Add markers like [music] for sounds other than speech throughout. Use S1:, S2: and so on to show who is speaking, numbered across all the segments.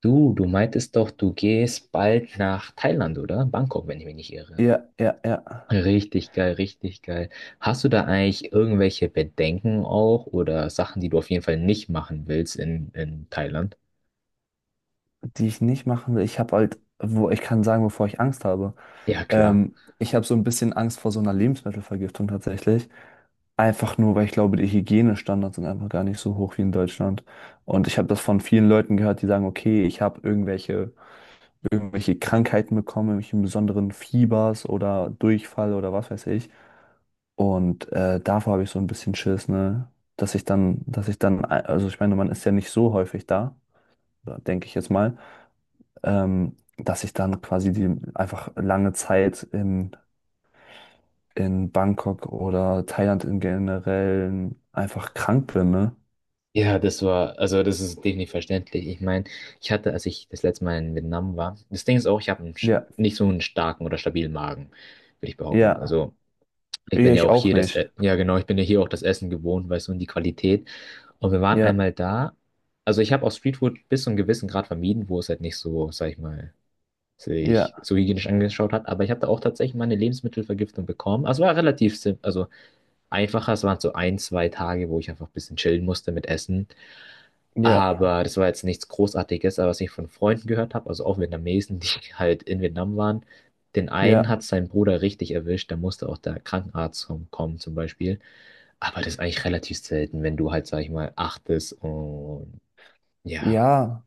S1: Du meintest doch, du gehst bald nach Thailand, oder? Bangkok, wenn ich mich nicht irre.
S2: Ja, ja, ja.
S1: Richtig geil, richtig geil. Hast du da eigentlich irgendwelche Bedenken auch oder Sachen, die du auf jeden Fall nicht machen willst in Thailand?
S2: Die ich nicht machen will. Ich habe halt, wo ich kann sagen, wovor ich Angst habe.
S1: Ja, klar.
S2: Ich habe so ein bisschen Angst vor so einer Lebensmittelvergiftung tatsächlich. Einfach nur, weil ich glaube, die Hygienestandards sind einfach gar nicht so hoch wie in Deutschland. Und ich habe das von vielen Leuten gehört, die sagen, okay, ich habe irgendwelche Krankheiten bekommen, irgendwelche besonderen Fiebers oder Durchfall oder was weiß ich. Und davor habe ich so ein bisschen Schiss, ne? Dass ich dann, also ich meine, man ist ja nicht so häufig da, denke ich jetzt mal. Dass ich dann quasi die einfach lange Zeit in, Bangkok oder Thailand im Generellen einfach krank bin, ne?
S1: Ja, das war, also das ist definitiv verständlich. Ich meine, ich hatte, als ich das letzte Mal in Vietnam war, das Ding ist auch, ich habe
S2: Ja,
S1: nicht so einen starken oder stabilen Magen, würde ich behaupten.
S2: ja,
S1: Also ich bin ja
S2: ich
S1: auch
S2: auch
S1: hier
S2: nicht.
S1: Ja genau, ich bin ja hier auch das Essen gewohnt, weißt du, und die Qualität. Und wir waren
S2: Ja,
S1: einmal da. Also ich habe auch Streetfood bis zu einem gewissen Grad vermieden, wo es halt nicht so, sag ich mal,
S2: ja,
S1: sich so hygienisch angeschaut hat. Aber ich habe da auch tatsächlich mal eine Lebensmittelvergiftung bekommen. Also war relativ simpel, also einfacher. Es waren so ein, zwei Tage, wo ich einfach ein bisschen chillen musste mit Essen.
S2: ja,
S1: Aber das war jetzt nichts Großartiges, aber was ich von Freunden gehört habe, also auch Vietnamesen, die [laughs] halt in Vietnam waren, den einen
S2: ja,
S1: hat sein Bruder richtig erwischt, da musste auch der Krankenarzt kommen zum Beispiel. Aber das ist eigentlich relativ selten, wenn du halt, sag ich mal, achtest und ja,
S2: ja.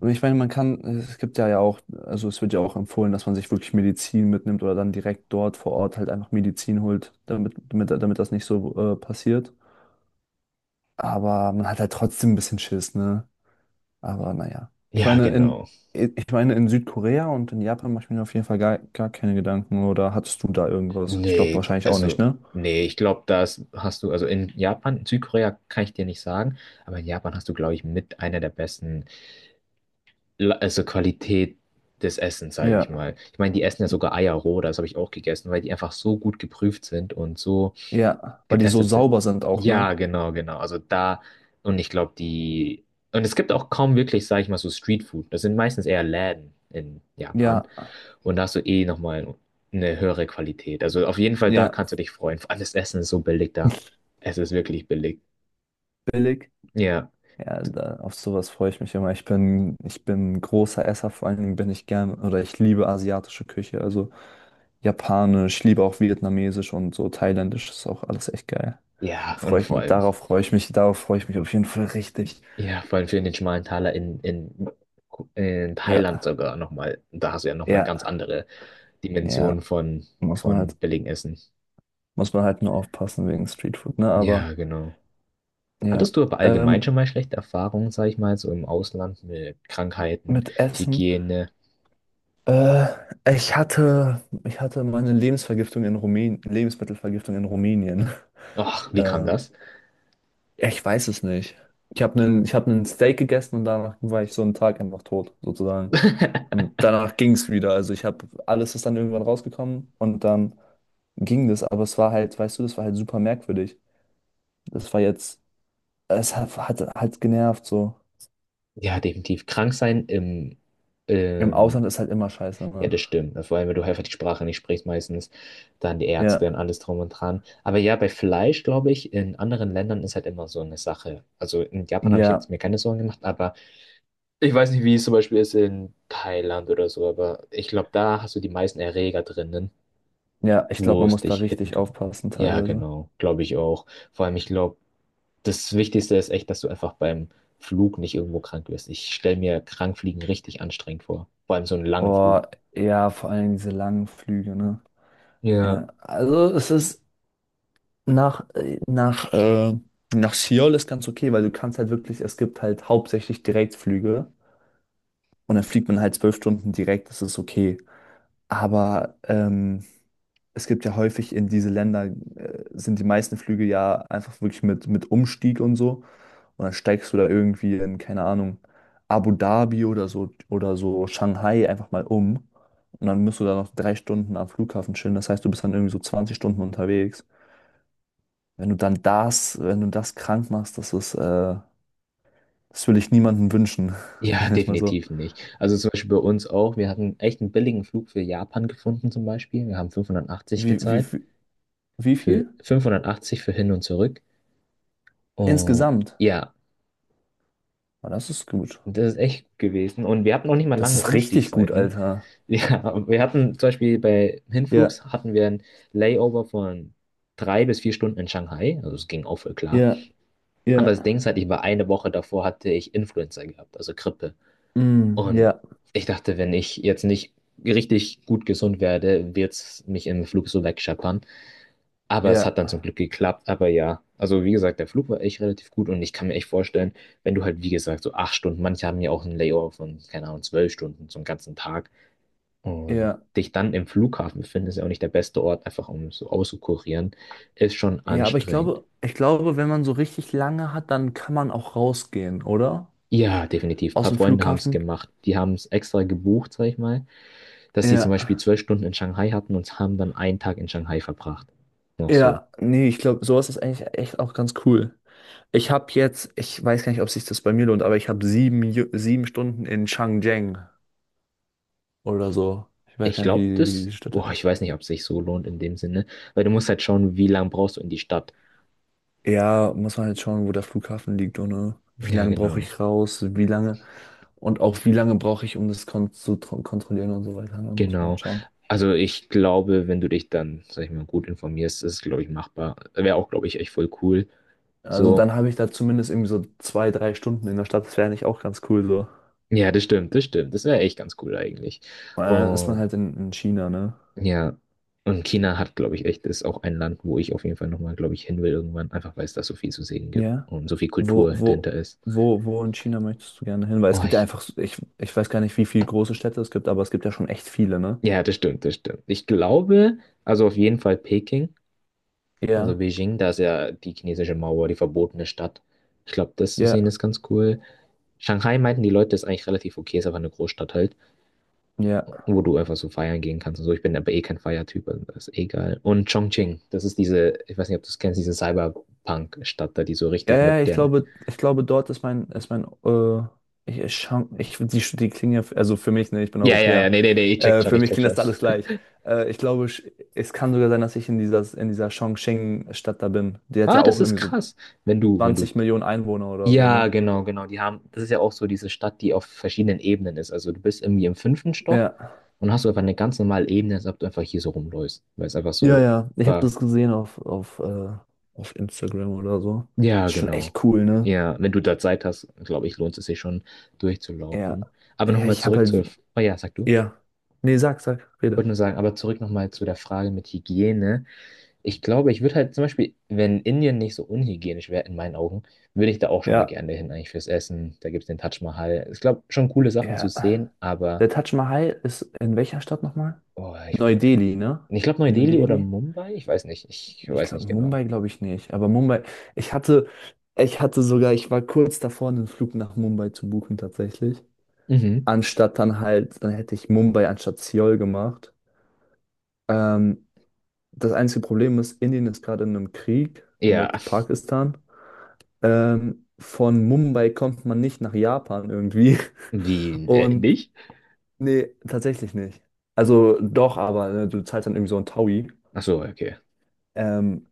S2: Und ich meine, man kann, es gibt ja auch, also es wird ja auch empfohlen, dass man sich wirklich Medizin mitnimmt oder dann direkt dort vor Ort halt einfach Medizin holt, damit das nicht so passiert. Aber man hat halt trotzdem ein bisschen Schiss, ne? Aber naja. Ich
S1: ja,
S2: meine,
S1: genau.
S2: in Südkorea und in Japan mache ich mir auf jeden Fall gar keine Gedanken. Oder hattest du da irgendwas? Ich glaube
S1: Nee,
S2: wahrscheinlich auch nicht,
S1: also,
S2: ne?
S1: nee, ich glaube, das hast du, also in Japan, in Südkorea kann ich dir nicht sagen, aber in Japan hast du, glaube ich, mit einer der besten also Qualität des Essens, sage ich
S2: Ja,
S1: mal. Ich meine, die essen ja sogar Eier roh, das habe ich auch gegessen, weil die einfach so gut geprüft sind und so
S2: ja, weil die so
S1: getestet sind.
S2: sauber sind auch,
S1: Ja,
S2: ne?
S1: genau, genau. Also da, und ich glaube, die, und es gibt auch kaum wirklich, sage ich mal, so Streetfood. Das sind meistens eher Läden in Japan.
S2: Ja,
S1: Und da hast du eh nochmal eine höhere Qualität. Also auf jeden Fall, da
S2: ja,
S1: kannst du dich freuen. Vor allem das Essen ist so billig da. Es ist wirklich billig.
S2: billig.
S1: Ja,
S2: Ja, da, auf sowas freue ich mich immer. Ich bin ein großer Esser, vor allen Dingen bin ich gern oder ich liebe asiatische Küche, also japanisch, ich liebe auch vietnamesisch und so thailändisch ist auch alles echt geil.
S1: ja, und
S2: Freue ich
S1: vor
S2: mich,
S1: allem.
S2: darauf freue ich mich, darauf freue ich mich auf jeden Fall richtig.
S1: Ja, vor allem für den schmalen Taler in Thailand
S2: Ja,
S1: sogar nochmal. Da hast du ja nochmal
S2: ja.
S1: ganz andere
S2: Ja,
S1: Dimensionen
S2: muss man
S1: von
S2: halt,
S1: billigem Essen.
S2: muss man halt nur aufpassen wegen Streetfood, ne?
S1: Ja,
S2: Aber
S1: genau.
S2: ja,
S1: Hattest du aber allgemein
S2: ähm,
S1: schon mal schlechte Erfahrungen, sag ich mal, so im Ausland mit Krankheiten,
S2: mit Essen.
S1: Hygiene?
S2: Äh, ich hatte meine Lebensvergiftung in Rumänien, Lebensmittelvergiftung in Rumänien. [laughs]
S1: Och, wie kam
S2: Ähm,
S1: das?
S2: ja, ich weiß es nicht. Ich habe einen Steak gegessen und danach war ich so einen Tag einfach tot, sozusagen.
S1: [laughs]
S2: Und danach ging es wieder. Also ich habe, alles ist dann irgendwann rausgekommen und dann ging das, aber es war halt, weißt du, das war halt super merkwürdig. Das war jetzt, es hat halt genervt so.
S1: Ja, definitiv. Krank sein im,
S2: Im
S1: ähm,
S2: Ausland ist halt immer scheiße,
S1: ja,
S2: ne?
S1: das stimmt. Vor allem, wenn du einfach die Sprache nicht sprichst, meistens dann die
S2: Ja,
S1: Ärzte und alles drum und dran. Aber ja, bei Fleisch, glaube ich, in anderen Ländern ist halt immer so eine Sache. Also in Japan habe ich
S2: ja,
S1: jetzt mir keine Sorgen gemacht, aber ich weiß nicht, wie es zum Beispiel ist in Thailand oder so, aber ich glaube, da hast du die meisten Erreger drinnen,
S2: ja, ich glaube,
S1: wo
S2: man
S1: es
S2: muss da
S1: dich hitten
S2: richtig
S1: könnte.
S2: aufpassen
S1: Ja,
S2: teilweise.
S1: genau, glaube ich auch. Vor allem, ich glaube, das Wichtigste ist echt, dass du einfach beim Flug nicht irgendwo krank wirst. Ich stelle mir Krankfliegen richtig anstrengend vor. Vor allem so einen langen
S2: Oh,
S1: Flug.
S2: ja, vor allem diese langen Flüge, ne?
S1: Ja.
S2: Ja, also es ist nach, äh, nach, äh, nach Seoul ist ganz okay, weil du kannst halt wirklich, es gibt halt hauptsächlich Direktflüge und dann fliegt man halt 12 Stunden direkt, das ist okay. Aber es gibt ja häufig in diese Länder, sind die meisten Flüge ja einfach wirklich mit Umstieg und so. Und dann steigst du da irgendwie in, keine Ahnung, Abu Dhabi oder so Shanghai einfach mal um. Und dann musst du da noch 3 Stunden am Flughafen chillen. Das heißt, du bist dann irgendwie so 20 Stunden unterwegs. Wenn du dann das, wenn du das krank machst, das ist, das will ich niemandem wünschen. [laughs]
S1: Ja,
S2: Sagen wir es mal so.
S1: definitiv nicht. Also zum Beispiel bei uns auch. Wir hatten echt einen billigen Flug für Japan gefunden zum Beispiel. Wir haben 580
S2: Wie, wie,
S1: gezahlt.
S2: wie wie
S1: Für
S2: viel?
S1: 580 für hin und zurück. Und
S2: Insgesamt.
S1: ja,
S2: Ah, das ist gut.
S1: das ist echt gut gewesen. Und wir hatten auch nicht mal
S2: Das
S1: lange
S2: ist richtig gut,
S1: Umstiegszeiten. [laughs]
S2: Alter.
S1: Ja, wir hatten zum Beispiel bei
S2: Ja,
S1: Hinflugs hatten wir ein Layover von 3 bis 4 Stunden in Shanghai. Also es ging auch voll klar.
S2: ja.
S1: Aber
S2: Ja,
S1: das Ding ist halt, ich war eine Woche davor hatte ich Influenza gehabt, also Grippe.
S2: mm,
S1: Und
S2: ja,
S1: ich dachte, wenn ich jetzt nicht richtig gut gesund werde, wird es mich im Flug so wegscheppern. Aber es
S2: ja,
S1: hat dann zum Glück geklappt. Aber ja, also wie gesagt, der Flug war echt relativ gut und ich kann mir echt vorstellen, wenn du halt, wie gesagt, so 8 Stunden, manche haben ja auch einen Layover von, keine Ahnung, 12 Stunden, so einen ganzen Tag. Und
S2: ja,
S1: dich dann im Flughafen befinden, ist ja auch nicht der beste Ort, einfach um so auszukurieren, ist schon
S2: ja, aber ich
S1: anstrengend.
S2: glaube, ich glaube, wenn man so richtig lange hat, dann kann man auch rausgehen, oder?
S1: Ja, definitiv. Ein
S2: Aus
S1: paar
S2: dem
S1: Freunde haben es
S2: Flughafen.
S1: gemacht. Die haben es extra gebucht, sag ich mal dass sie zum
S2: Ja,
S1: Beispiel 12 Stunden in Shanghai hatten und haben dann einen Tag in Shanghai verbracht. Noch so.
S2: ja, nee, ich glaube, sowas ist eigentlich echt auch ganz cool. Ich weiß gar nicht, ob sich das bei mir lohnt, aber ich habe 7 Stunden in Changcheng oder so. Ich weiß
S1: Ich
S2: gar nicht,
S1: glaube,
S2: wie
S1: das,
S2: die Stadt
S1: boah, ich
S2: heißt.
S1: weiß nicht, ob es sich so lohnt in dem Sinne, weil du musst halt schauen, wie lange brauchst du in die Stadt.
S2: Ja, muss man halt schauen, wo der Flughafen liegt und wie
S1: Ja,
S2: lange brauche
S1: genau,
S2: ich raus, wie lange und auch wie lange brauche ich, um das kontrollieren und so weiter. Ne, muss man halt
S1: genau.
S2: schauen.
S1: Also ich glaube, wenn du dich dann, sag ich mal, gut informierst, ist es, glaube ich, machbar. Wäre auch, glaube ich, echt voll cool.
S2: Also
S1: So,
S2: dann habe ich da zumindest irgendwie so 2, 3 Stunden in der Stadt. Das wäre eigentlich auch ganz cool so.
S1: ja, das stimmt, das stimmt. Das wäre echt ganz cool eigentlich.
S2: Und dann ist man
S1: Und
S2: halt in China, ne?
S1: ja, und China hat, glaube ich, echt, ist auch ein Land, wo ich auf jeden Fall nochmal, glaube ich, hin will irgendwann, einfach weil es da so viel zu sehen gibt
S2: Ja.
S1: und so viel
S2: Wo,
S1: Kultur
S2: wo,
S1: dahinter ist.
S2: wo in China möchtest du gerne hin? Weil es
S1: Oh,
S2: gibt ja
S1: ich,
S2: einfach, ich weiß gar nicht, wie viele große Städte es gibt, aber es gibt ja schon echt viele, ne?
S1: ja, das stimmt, das stimmt. Ich glaube, also auf jeden Fall Peking, also
S2: Ja,
S1: Beijing, da ist ja die chinesische Mauer, die verbotene Stadt. Ich glaube, das zu sehen
S2: ja,
S1: ist ganz cool. Shanghai meinten die Leute, ist eigentlich relativ okay, ist einfach eine Großstadt halt,
S2: ja.
S1: wo du einfach so feiern gehen kannst und so. Ich bin aber eh kein Feiertyp, also das ist eh egal. Und Chongqing, das ist diese, ich weiß nicht, ob du es kennst, diese Cyberpunk-Stadt da, die so
S2: Ja,
S1: richtig
S2: ja, ja, ich
S1: modern.
S2: glaube, ich glaube, dort ist mein, ich, ich die klingen ja, also für mich, ne, ich bin
S1: Ja, ja, ja,
S2: Europäer,
S1: nee, nee, nee, ich check schon,
S2: für
S1: ich
S2: mich
S1: check
S2: klingt
S1: schon.
S2: das alles gleich.
S1: [laughs]
S2: Ich glaube, es kann sogar sein, dass ich in dieser, Chongqing-Stadt da bin. Die hat
S1: Ah,
S2: ja auch
S1: das ist
S2: irgendwie so
S1: krass. Wenn du, wenn du.
S2: 20 Millionen Einwohner oder so, ne?
S1: Ja, genau, genau. Die haben, das ist ja auch so diese Stadt, die auf verschiedenen Ebenen ist. Also du bist irgendwie im fünften Stock
S2: Ja.
S1: und hast du einfach eine ganz normale Ebene, als ob du einfach hier so rumläufst. Weil es einfach
S2: Ja,
S1: so
S2: ja, ich habe
S1: war.
S2: das gesehen auf, auf Instagram oder so.
S1: Ja,
S2: Ist schon
S1: genau.
S2: echt cool, ne?
S1: Ja, wenn du da Zeit hast, glaube ich, lohnt es sich schon
S2: Ja.
S1: durchzulaufen. Aber
S2: Ja,
S1: nochmal
S2: ich habe
S1: zurück zur.
S2: halt,
S1: Oh ja, sag du. Ich
S2: ja. Nee,
S1: wollte
S2: rede.
S1: nur sagen, aber zurück nochmal zu der Frage mit Hygiene. Ich glaube, ich würde halt zum Beispiel, wenn Indien nicht so unhygienisch wäre, in meinen Augen, würde ich da auch schon mal
S2: Ja,
S1: gerne hin, eigentlich fürs Essen. Da gibt es den Taj Mahal. Ich glaube, schon coole Sachen zu
S2: ja.
S1: sehen, aber
S2: Der Taj Mahal ist in welcher Stadt nochmal?
S1: oh, ich,
S2: Neu-Delhi, ne?
S1: ich glaube,
S2: New
S1: Neu-Delhi oder
S2: Delhi?
S1: Mumbai? Ich weiß nicht. Ich
S2: Ich
S1: weiß
S2: glaube,
S1: nicht genau.
S2: Mumbai glaube ich nicht. Aber Mumbai, ich hatte, ich hatte sogar, ich war kurz davor, einen Flug nach Mumbai zu buchen tatsächlich.
S1: Mhm.
S2: Anstatt dann halt, dann hätte ich Mumbai anstatt Seoul gemacht. Ähm, Das einzige Problem ist, Indien ist gerade in einem Krieg
S1: Ja.
S2: mit Pakistan. Von Mumbai kommt man nicht nach Japan irgendwie. [laughs]
S1: Wie,
S2: Und
S1: nicht?
S2: nee, tatsächlich nicht. Also doch, aber ne, du zahlst dann irgendwie so ein Taui.
S1: Ach so, okay.
S2: Ähm,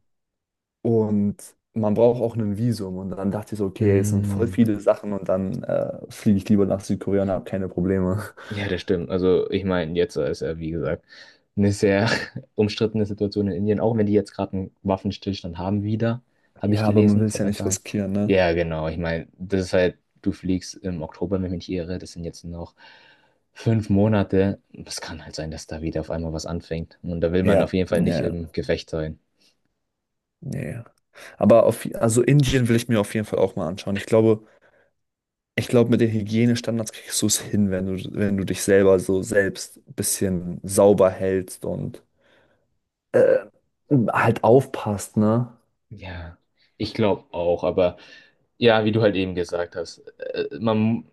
S2: und man braucht auch ein Visum. Und dann dachte ich so, okay, es sind voll
S1: Mm.
S2: viele Sachen und dann fliege ich lieber nach Südkorea und habe keine Probleme. [laughs]
S1: Ja, das stimmt. Also ich meine, jetzt ist ja, wie gesagt, eine sehr [laughs] umstrittene Situation in Indien, auch wenn die jetzt gerade einen Waffenstillstand haben wieder, habe ich
S2: Ja, aber man
S1: gelesen
S2: will es
S1: vor ein
S2: ja
S1: paar
S2: nicht
S1: Tagen.
S2: riskieren, ne?
S1: Ja, genau. Ich meine, das ist halt, du fliegst im Oktober, wenn ich mich nicht irre, das sind jetzt noch 5 Monate. Es kann halt sein, dass da wieder auf einmal was anfängt. Und da will man auf
S2: Ja,
S1: jeden Fall
S2: ja,
S1: nicht
S2: ja.
S1: im Gefecht sein.
S2: Ja. Ja. Aber auf, also Indien will ich mir auf jeden Fall auch mal anschauen. Ich glaube, mit den Hygienestandards kriegst du es hin, wenn du, wenn du dich selber so selbst ein bisschen sauber hältst und äh, halt aufpasst, ne?
S1: Ja, ich glaube auch, aber ja, wie du halt eben gesagt hast, man,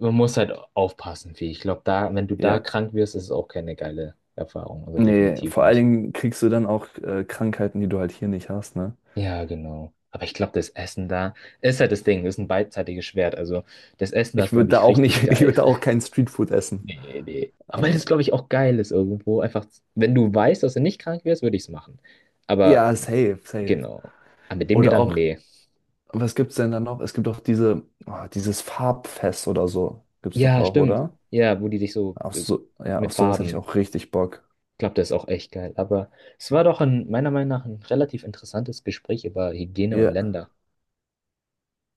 S1: man muss halt aufpassen, wie ich glaube, da, wenn du da
S2: Ja.
S1: krank wirst, ist es auch keine geile Erfahrung. Also
S2: Nee,
S1: definitiv
S2: vor allen
S1: nicht.
S2: Dingen kriegst du dann auch Krankheiten, die du halt hier nicht hast, ne?
S1: Ja, genau. Aber ich glaube, das Essen da ist halt das Ding, ist ein beidseitiges Schwert. Also das Essen da ist,
S2: Ich würde
S1: glaube
S2: da
S1: ich,
S2: auch
S1: richtig
S2: nicht, [laughs] ich würde
S1: geil.
S2: da auch
S1: [laughs]
S2: kein Streetfood essen.
S1: Nee, nee. Aber das ist,
S2: Aber
S1: glaube ich, auch geil ist irgendwo. Einfach, wenn du weißt, dass du nicht krank wirst, würde ich es machen. Aber
S2: ja, safe, safe.
S1: genau. Aber mit dem
S2: Oder
S1: Gedanken,
S2: auch,
S1: nee.
S2: was gibt's denn da noch? Es gibt doch diese, oh, dieses Farbfest oder so. Gibt's doch
S1: Ja,
S2: auch,
S1: stimmt.
S2: oder?
S1: Ja, wo die sich so
S2: Auf so, ja, auf
S1: mit
S2: sowas hätte ich
S1: Farben.
S2: auch richtig Bock.
S1: Ich glaube, der ist auch echt geil. Aber es war doch ein, meiner Meinung nach ein relativ interessantes Gespräch über Hygiene und
S2: Ja,
S1: Länder.